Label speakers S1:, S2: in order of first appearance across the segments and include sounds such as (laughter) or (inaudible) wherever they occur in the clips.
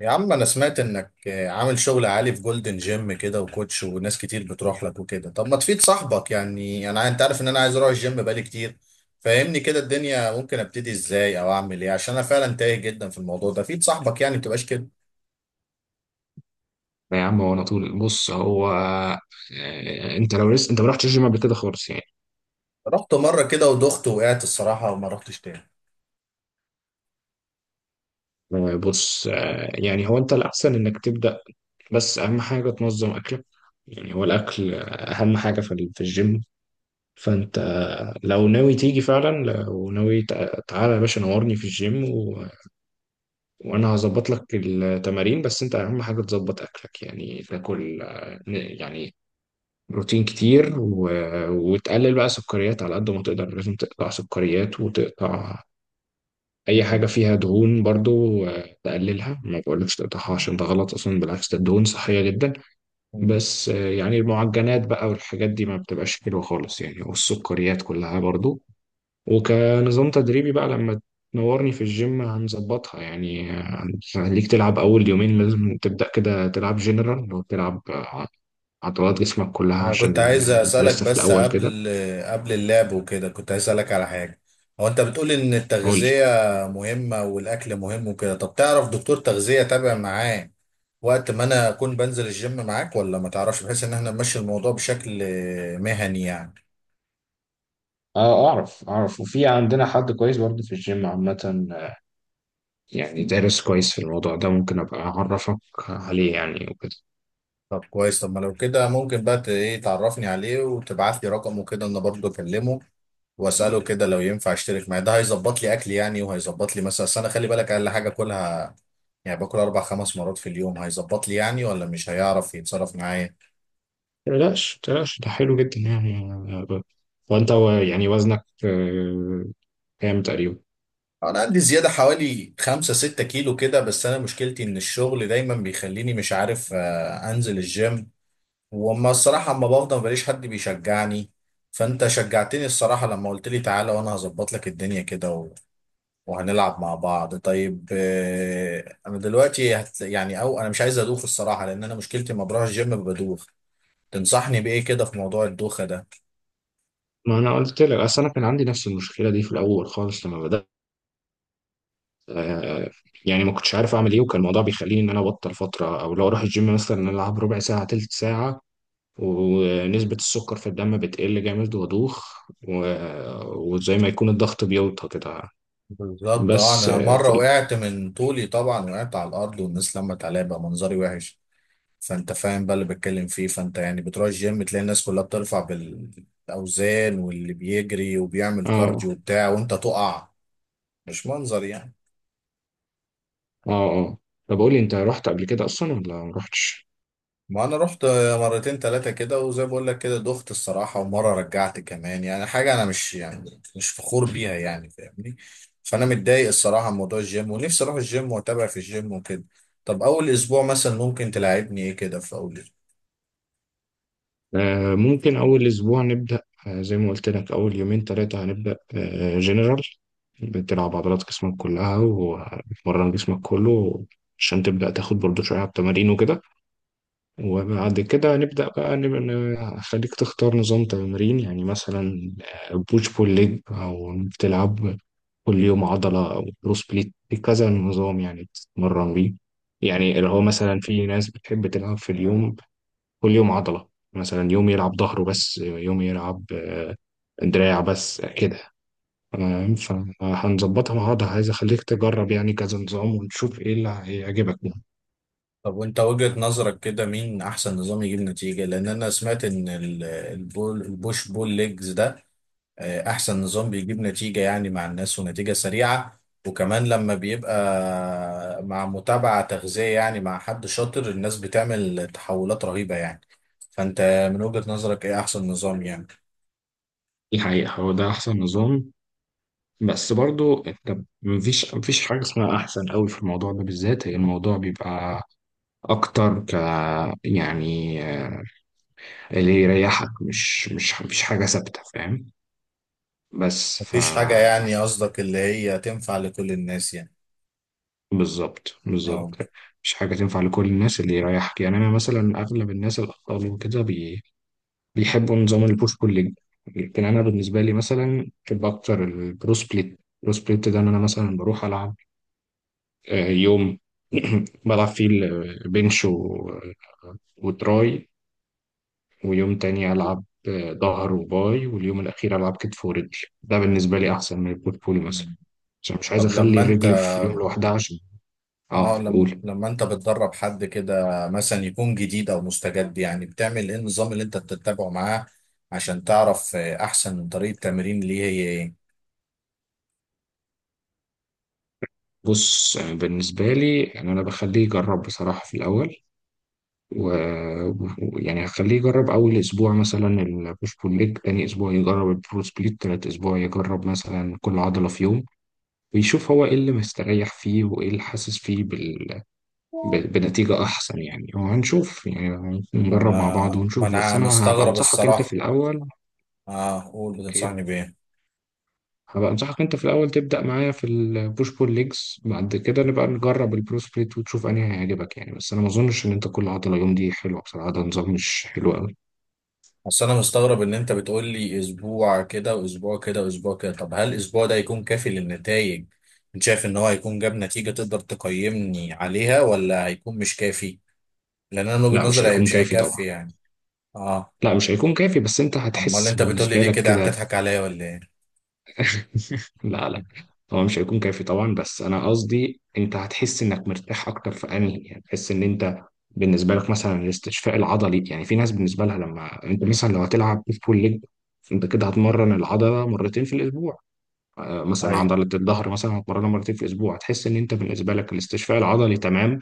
S1: يا عم انا سمعت انك عامل شغل عالي في جولدن جيم كده وكوتش وناس كتير بتروح لك وكده. طب ما تفيد صاحبك يعني، انا انت عارف ان انا عايز اروح الجيم بقالي كتير، فاهمني. كده الدنيا ممكن ابتدي ازاي او اعمل ايه؟ عشان انا فعلا تايه جدا في الموضوع ده. فيد صاحبك يعني، ما تبقاش كده.
S2: لا يا عم، هو انا طول. هو انت لو لسه انت ما رحتش الجيم قبل كده خالص يعني.
S1: رحت مرة كده ودخت وقعت الصراحة وما رحتش تاني.
S2: بص. يعني هو انت الاحسن انك تبدا، بس اهم حاجه تنظم اكلك. يعني هو الاكل اهم حاجه في الجيم. فانت لو ناوي تيجي فعلا، لو ناوي تعالى يا باشا نورني في الجيم و... وانا هظبط لك التمارين. بس انت اهم حاجه تظبط اكلك، يعني تاكل يعني بروتين كتير و... وتقلل بقى سكريات على قد ما تقدر. لازم تقطع سكريات، وتقطع اي حاجه
S1: مم.
S2: فيها دهون برضو. تقللها، ما بقولكش تقطعها عشان ده غلط اصلا، بالعكس ده الدهون صحيه جدا. بس يعني المعجنات بقى والحاجات دي ما بتبقاش حلوه خالص يعني، والسكريات كلها برضو. وكنظام تدريبي بقى، لما تنورني في الجيم هنظبطها يعني. هنخليك تلعب اول يومين، لازم تبدا كده تلعب جنرال، لو تلعب عضلات جسمك كلها،
S1: انا كنت
S2: عشان
S1: عايز
S2: انت
S1: اسالك
S2: لسه في
S1: بس
S2: الاول كده.
S1: قبل اللعب وكده كنت عايز اسالك على حاجه. هو انت بتقول ان
S2: قول لي.
S1: التغذيه مهمه والاكل مهم وكده، طب تعرف دكتور تغذيه تابع معاه وقت ما انا اكون بنزل الجيم معاك ولا ما تعرفش، بحيث ان احنا نمشي الموضوع بشكل مهني يعني.
S2: اه اعرف اعرف، وفي عندنا حد كويس برضه في الجيم عامة. يعني دارس كويس في الموضوع ده، ممكن ابقى اعرفك عليه يعني وكده.
S1: طب كويس. طب ما لو كده ممكن بقى ايه تعرفني عليه وتبعت لي رقمه كده، انا برضه اكلمه واساله كده لو ينفع اشترك معاه، ده هيظبط لي اكل يعني وهيظبط لي مثلا. أصل انا خلي بالك اقل حاجه اكلها يعني باكل اربع خمس مرات في اليوم، هيظبط لي يعني ولا مش هيعرف يتصرف معايا؟
S2: متقلقش متقلقش، ده حلو جدا يعني. وانت يعني وزنك كام تقريبا؟
S1: انا عندي زيادة حوالي خمسة ستة كيلو كده، بس انا مشكلتي ان الشغل دايما بيخليني مش عارف انزل الجيم. وما الصراحة اما بفضل مبلاقيش حد بيشجعني. فانت شجعتني الصراحة لما قلت لي تعالى وانا هظبط لك الدنيا كده و... وهنلعب مع بعض. طيب انا دلوقتي يعني، او انا مش عايز ادوخ الصراحة، لان انا مشكلتي لما بروح الجيم بدوخ. تنصحني بايه كده في موضوع الدوخة ده؟
S2: ما انا قلت لك، اصل انا كان عندي نفس المشكله دي في الاول خالص لما بدات. آه، يعني ما كنتش عارف اعمل ايه، وكان الموضوع بيخليني ان انا ابطل فتره، او لو اروح الجيم مثلا العب ربع ساعه تلت ساعه ونسبة السكر في الدم بتقل جامد وأدوخ، وزي ما يكون الضغط بيوطى كده.
S1: بالظبط. اه
S2: بس
S1: انا مره
S2: في ال...
S1: وقعت من طولي طبعا، وقعت على الارض والناس لمت عليا بقى، منظري وحش. فانت فاهم بقى اللي بتكلم فيه. فانت يعني بتروح الجيم تلاقي الناس كلها بترفع بالاوزان واللي بيجري وبيعمل
S2: اه
S1: كارديو وبتاع، وانت تقع. مش منظر يعني.
S2: اه اه. طب قولي، انت رحت قبل كده اصلا ولا ما رحتش؟
S1: ما انا رحت مرتين ثلاثه كده، وزي ما بقول لك كده دخت الصراحه، ومره رجعت كمان، يعني حاجه انا مش يعني مش فخور بيها يعني، فاهمني. فانا متضايق الصراحه من موضوع الجيم، ونفسي اروح الجيم واتابع في الجيم وكده. طب اول اسبوع مثلا ممكن تلاعبني ايه كده في اول اسبوع؟
S2: آه ممكن اول اسبوع نبدا. آه زي ما قلت لك، اول يومين ثلاثه هنبدا آه جنرال، بتلعب عضلات جسمك كلها وتمرن جسمك كله عشان تبدا تاخد برضو شويه على التمارين وكده. وبعد كده نبدأ بقى، نبقى خليك تختار نظام تمرين، يعني مثلا بوش بول ليج، أو بتلعب كل يوم عضلة، أو بروس بليت. في كذا نظام يعني بتتمرن بيه. يعني اللي هو مثلا في ناس بتحب تلعب في اليوم كل يوم عضلة، مثلا يوم يلعب ظهره بس، يوم يلعب دراع بس كده. تمام، فهنظبطها مع بعض. عايز أخليك تجرب يعني كذا نظام ونشوف إيه اللي هيعجبك دي.
S1: طب وانت وجهه نظرك كده مين احسن نظام يجيب نتيجه؟ لان انا سمعت ان البوش بول ليجز ده احسن نظام بيجيب نتيجة يعني مع الناس ونتيجة سريعة، وكمان لما بيبقى مع متابعة تغذية يعني مع حد شاطر، الناس بتعمل تحولات رهيبة يعني. فانت من وجهة نظرك ايه احسن نظام يعني؟
S2: حقيقة هو ده أحسن نظام، بس برضو انت مفيش حاجة اسمها أحسن قوي في الموضوع ده بالذات. هي الموضوع بيبقى أكتر ك يعني اللي يريحك. مش مفيش حاجة ثابتة، فاهم؟ بس
S1: مفيش حاجة يعني، قصدك اللي هي تنفع لكل الناس يعني؟
S2: بالظبط
S1: اه.
S2: بالظبط. مش حاجة تنفع لكل الناس، اللي يريحك يعني. أنا مثلا أغلب الناس الأطفال وكده بيحبوا نظام البوش بول ليج، لكن أنا بالنسبة لي مثلا بحب أكتر البرو سبليت. البرو سبليت ده إن أنا مثلا بروح ألعب يوم (clears throat) بلعب فيه البنش وتراي، ويوم تاني ألعب ظهر وباي، واليوم الأخير ألعب كتف ورجل. ده بالنسبة لي أحسن من البورتفوليو مثلا، عشان مش عايز
S1: طب
S2: أخلي
S1: لما انت
S2: الرجل في يوم لوحدها عشان... أه
S1: اه لما
S2: قول.
S1: لما انت بتدرب حد كده مثلا يكون جديد او مستجد يعني، بتعمل ايه؟ النظام اللي انت بتتبعه معاه عشان تعرف احسن طريقة تمرين ليه هي ايه؟
S2: بص بالنسبة لي يعني أنا بخليه يجرب بصراحة في الأول. ويعني هخليه يجرب أول أسبوع مثلا البوش بول ليج، تاني أسبوع يجرب البرو سبليت، تالت أسبوع يجرب مثلا كل عضلة في يوم، ويشوف هو ايه اللي مستريح فيه وايه اللي حاسس فيه بنتيجة احسن يعني. وهنشوف يعني،
S1: ما
S2: نجرب مع بعض
S1: انا ما
S2: ونشوف. بس
S1: انا
S2: انا هبقى
S1: مستغرب
S2: انصحك انت في
S1: الصراحة.
S2: الاول.
S1: اه قول،
S2: إيه؟
S1: بتنصحني بايه؟
S2: هبقى انصحك انت في الاول تبدأ معايا في البوش بول ليجز، بعد كده نبقى نجرب البرو سبليت وتشوف انهي هيعجبك يعني. بس انا ما اظنش ان انت كل عضلة يوم دي حلوة بصراحة، ده نظام مش حلو قوي.
S1: بس انا مستغرب ان انت بتقول لي اسبوع كده واسبوع كده واسبوع كده، طب هل الاسبوع ده يكون كافي للنتائج؟ انت شايف ان هو هيكون جاب نتيجة تقدر تقيمني عليها، ولا هيكون مش كافي؟ لان انا من وجهة
S2: لا مش
S1: نظري
S2: هيكون
S1: مش
S2: كافي طبعا.
S1: هيكفي يعني. اه.
S2: لا مش هيكون كافي، بس انت
S1: امال
S2: هتحس
S1: انت بتقولي
S2: بالنسبة
S1: ليه
S2: لك
S1: كده، عم
S2: كده.
S1: تضحك عليا ولا ايه؟
S2: (laughs) لا لا. هو مش هيكون كافي طبعا، بس انا قصدي انت هتحس انك مرتاح اكتر في انهي. يعني تحس ان انت بالنسبه لك مثلا الاستشفاء العضلي يعني. في ناس بالنسبه لها لما انت مثلا لو هتلعب بوش بول ليج، انت كده هتمرن العضله مرتين في الاسبوع. مثلا
S1: ايوه.
S2: عضلة الظهر مثلا هتمرنها مرتين في الأسبوع، هتحس إن أنت بالنسبة لك الاستشفاء العضلي تمام،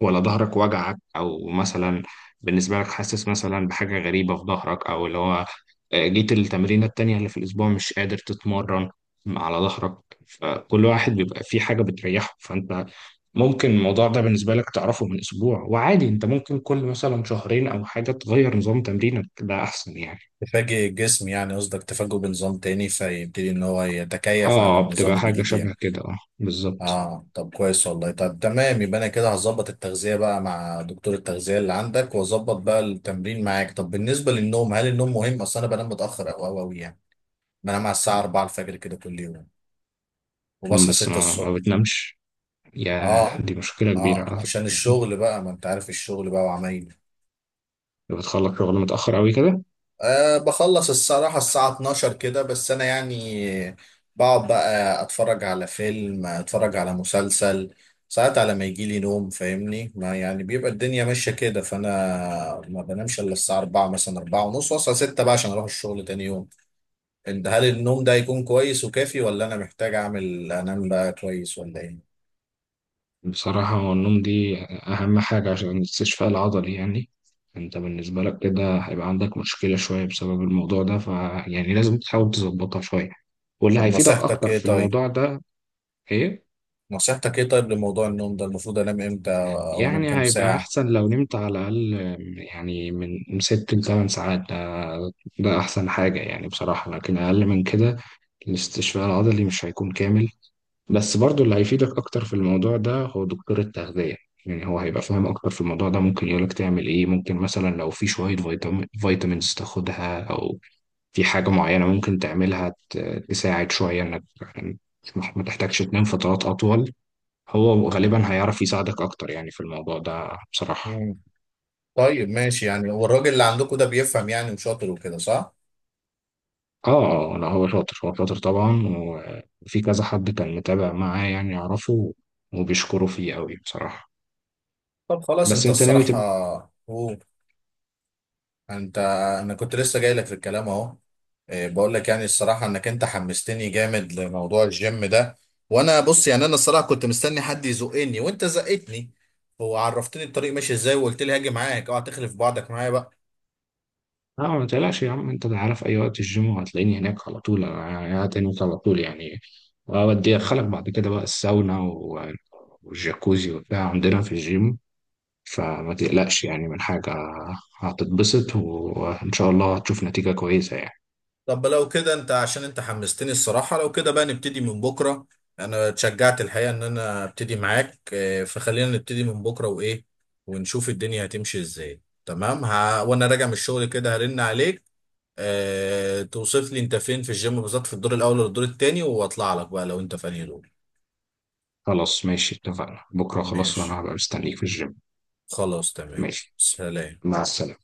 S2: ولا ظهرك وجعك. أو مثلا بالنسبة لك حاسس مثلا بحاجة غريبة في ظهرك، أو اللي هو جيت التمرينة التانية اللي في الأسبوع مش قادر تتمرن على ظهرك. فكل واحد بيبقى فيه حاجة بتريحه. فأنت ممكن الموضوع ده بالنسبة لك تعرفه من أسبوع، وعادي أنت ممكن كل مثلا شهرين أو حاجة تغير نظام تمرينك، ده أحسن يعني.
S1: تفاجئ الجسم يعني، قصدك تفاجئه بنظام تاني فيبتدي ان هو يتكيف على
S2: آه
S1: النظام
S2: بتبقى حاجة
S1: الجديد يعني.
S2: شبه كده، آه بالظبط.
S1: اه طب كويس والله. طب تمام، يبقى انا كده هظبط التغذية بقى مع دكتور التغذية اللي عندك، واظبط بقى التمرين معاك. طب بالنسبة للنوم، هل النوم مهم؟ اصل انا بنام متأخر او أوي يعني، بنام على الساعة 4 الفجر كده كل يوم، وبصحى
S2: بس
S1: 6
S2: ما,
S1: الصبح.
S2: ما بتنامش، يا
S1: اه
S2: دي مشكلة كبيرة
S1: اه،
S2: على
S1: عشان
S2: فكرة.
S1: الشغل بقى ما انت عارف الشغل بقى وعمايل.
S2: بتخلص شغل متأخر أوي كده؟
S1: أه بخلص الصراحة الساعة 12 كده، بس أنا يعني بقعد بقى أتفرج على فيلم، أتفرج على مسلسل ساعات على ما يجيلي نوم، فاهمني؟ ما يعني بيبقى الدنيا ماشية كده، فأنا ما بنامش إلا الساعة 4 مثلا 4 ونص، وأصحى 6 بقى عشان أروح الشغل تاني يوم. أنت هل النوم ده يكون كويس وكافي، ولا أنا محتاج أعمل أنام بقى كويس، ولا إيه؟
S2: بصراحة هو النوم دي أهم حاجة عشان الاستشفاء العضلي يعني. أنت بالنسبة لك كده هيبقى عندك مشكلة شوية بسبب الموضوع ده، فيعني لازم تحاول تظبطها شوية. واللي
S1: طب
S2: هيفيدك
S1: نصيحتك
S2: أكتر
S1: إيه
S2: في
S1: طيب؟
S2: الموضوع ده... إيه؟
S1: نصيحتك إيه طيب لموضوع النوم ده؟ المفروض أنام إمتى أو أنام
S2: يعني
S1: كام
S2: هيبقى
S1: ساعة؟
S2: أحسن لو نمت على الأقل، يعني من 6 لـ8 ساعات. ده أحسن حاجة يعني بصراحة، لكن أقل من كده الاستشفاء العضلي مش هيكون كامل. بس برضو اللي هيفيدك اكتر في الموضوع ده هو دكتور التغذية. يعني هو هيبقى فاهم اكتر في الموضوع ده، ممكن يقولك تعمل ايه. ممكن مثلا لو في شوية فيتامين فيتامينز تاخدها، او في حاجة معينة ممكن تعملها تساعد شوية انك يعني ما تحتاجش تنام فترات اطول. هو غالبا هيعرف يساعدك اكتر يعني في الموضوع ده بصراحة.
S1: طيب ماشي يعني. والراجل اللي عندكم ده بيفهم يعني وشاطر وكده، صح؟
S2: اه اه، لا هو شاطر، هو شاطر طبعا. وفي كذا حد كان متابع معاه يعني يعرفه، وبيشكروا فيه قوي بصراحة.
S1: طب خلاص.
S2: بس
S1: انت
S2: انت ناوي
S1: الصراحة...
S2: تبقى...
S1: هو انت... انا كنت لسه جاي لك في الكلام اهو. إيه، بقول لك يعني الصراحة انك انت حمستني جامد لموضوع الجيم ده. وانا بص يعني، انا الصراحة كنت مستني حد يزقني وانت زقتني، وعرفتني الطريق ماشي ازاي، وقلت لي هاجي معاك، اوعى تخلف بعضك معايا بقى.
S2: لا ما تقلقش يا عم، انت عارف اي وقت الجيم وهتلاقيني هناك على طول، انا قاعد هناك على طول يعني. وأودي أدخلك بعد كده بقى الساونا والجاكوزي وبتاع عندنا في الجيم. فما تقلقش يعني من حاجة، هتتبسط وإن شاء الله هتشوف نتيجة كويسة يعني.
S1: طب لو كده انت عشان انت حمستني الصراحة، لو كده بقى نبتدي من بكرة. انا اتشجعت الحقيقة ان انا ابتدي معاك فخلينا نبتدي من بكرة وايه، ونشوف الدنيا هتمشي ازاي. تمام. وانا راجع من الشغل كده هرن عليك، اه... توصف لي انت فين في الجيم بالظبط، في الدور الاول ولا الدور التاني، واطلع لك بقى لو انت في انهي دور.
S2: خلاص ماشي، اتفقنا بكرة خلاص،
S1: ماشي
S2: وأنا هبقى مستنيك في الجيم.
S1: خلاص تمام،
S2: ماشي.
S1: سلام.
S2: مع السلامة.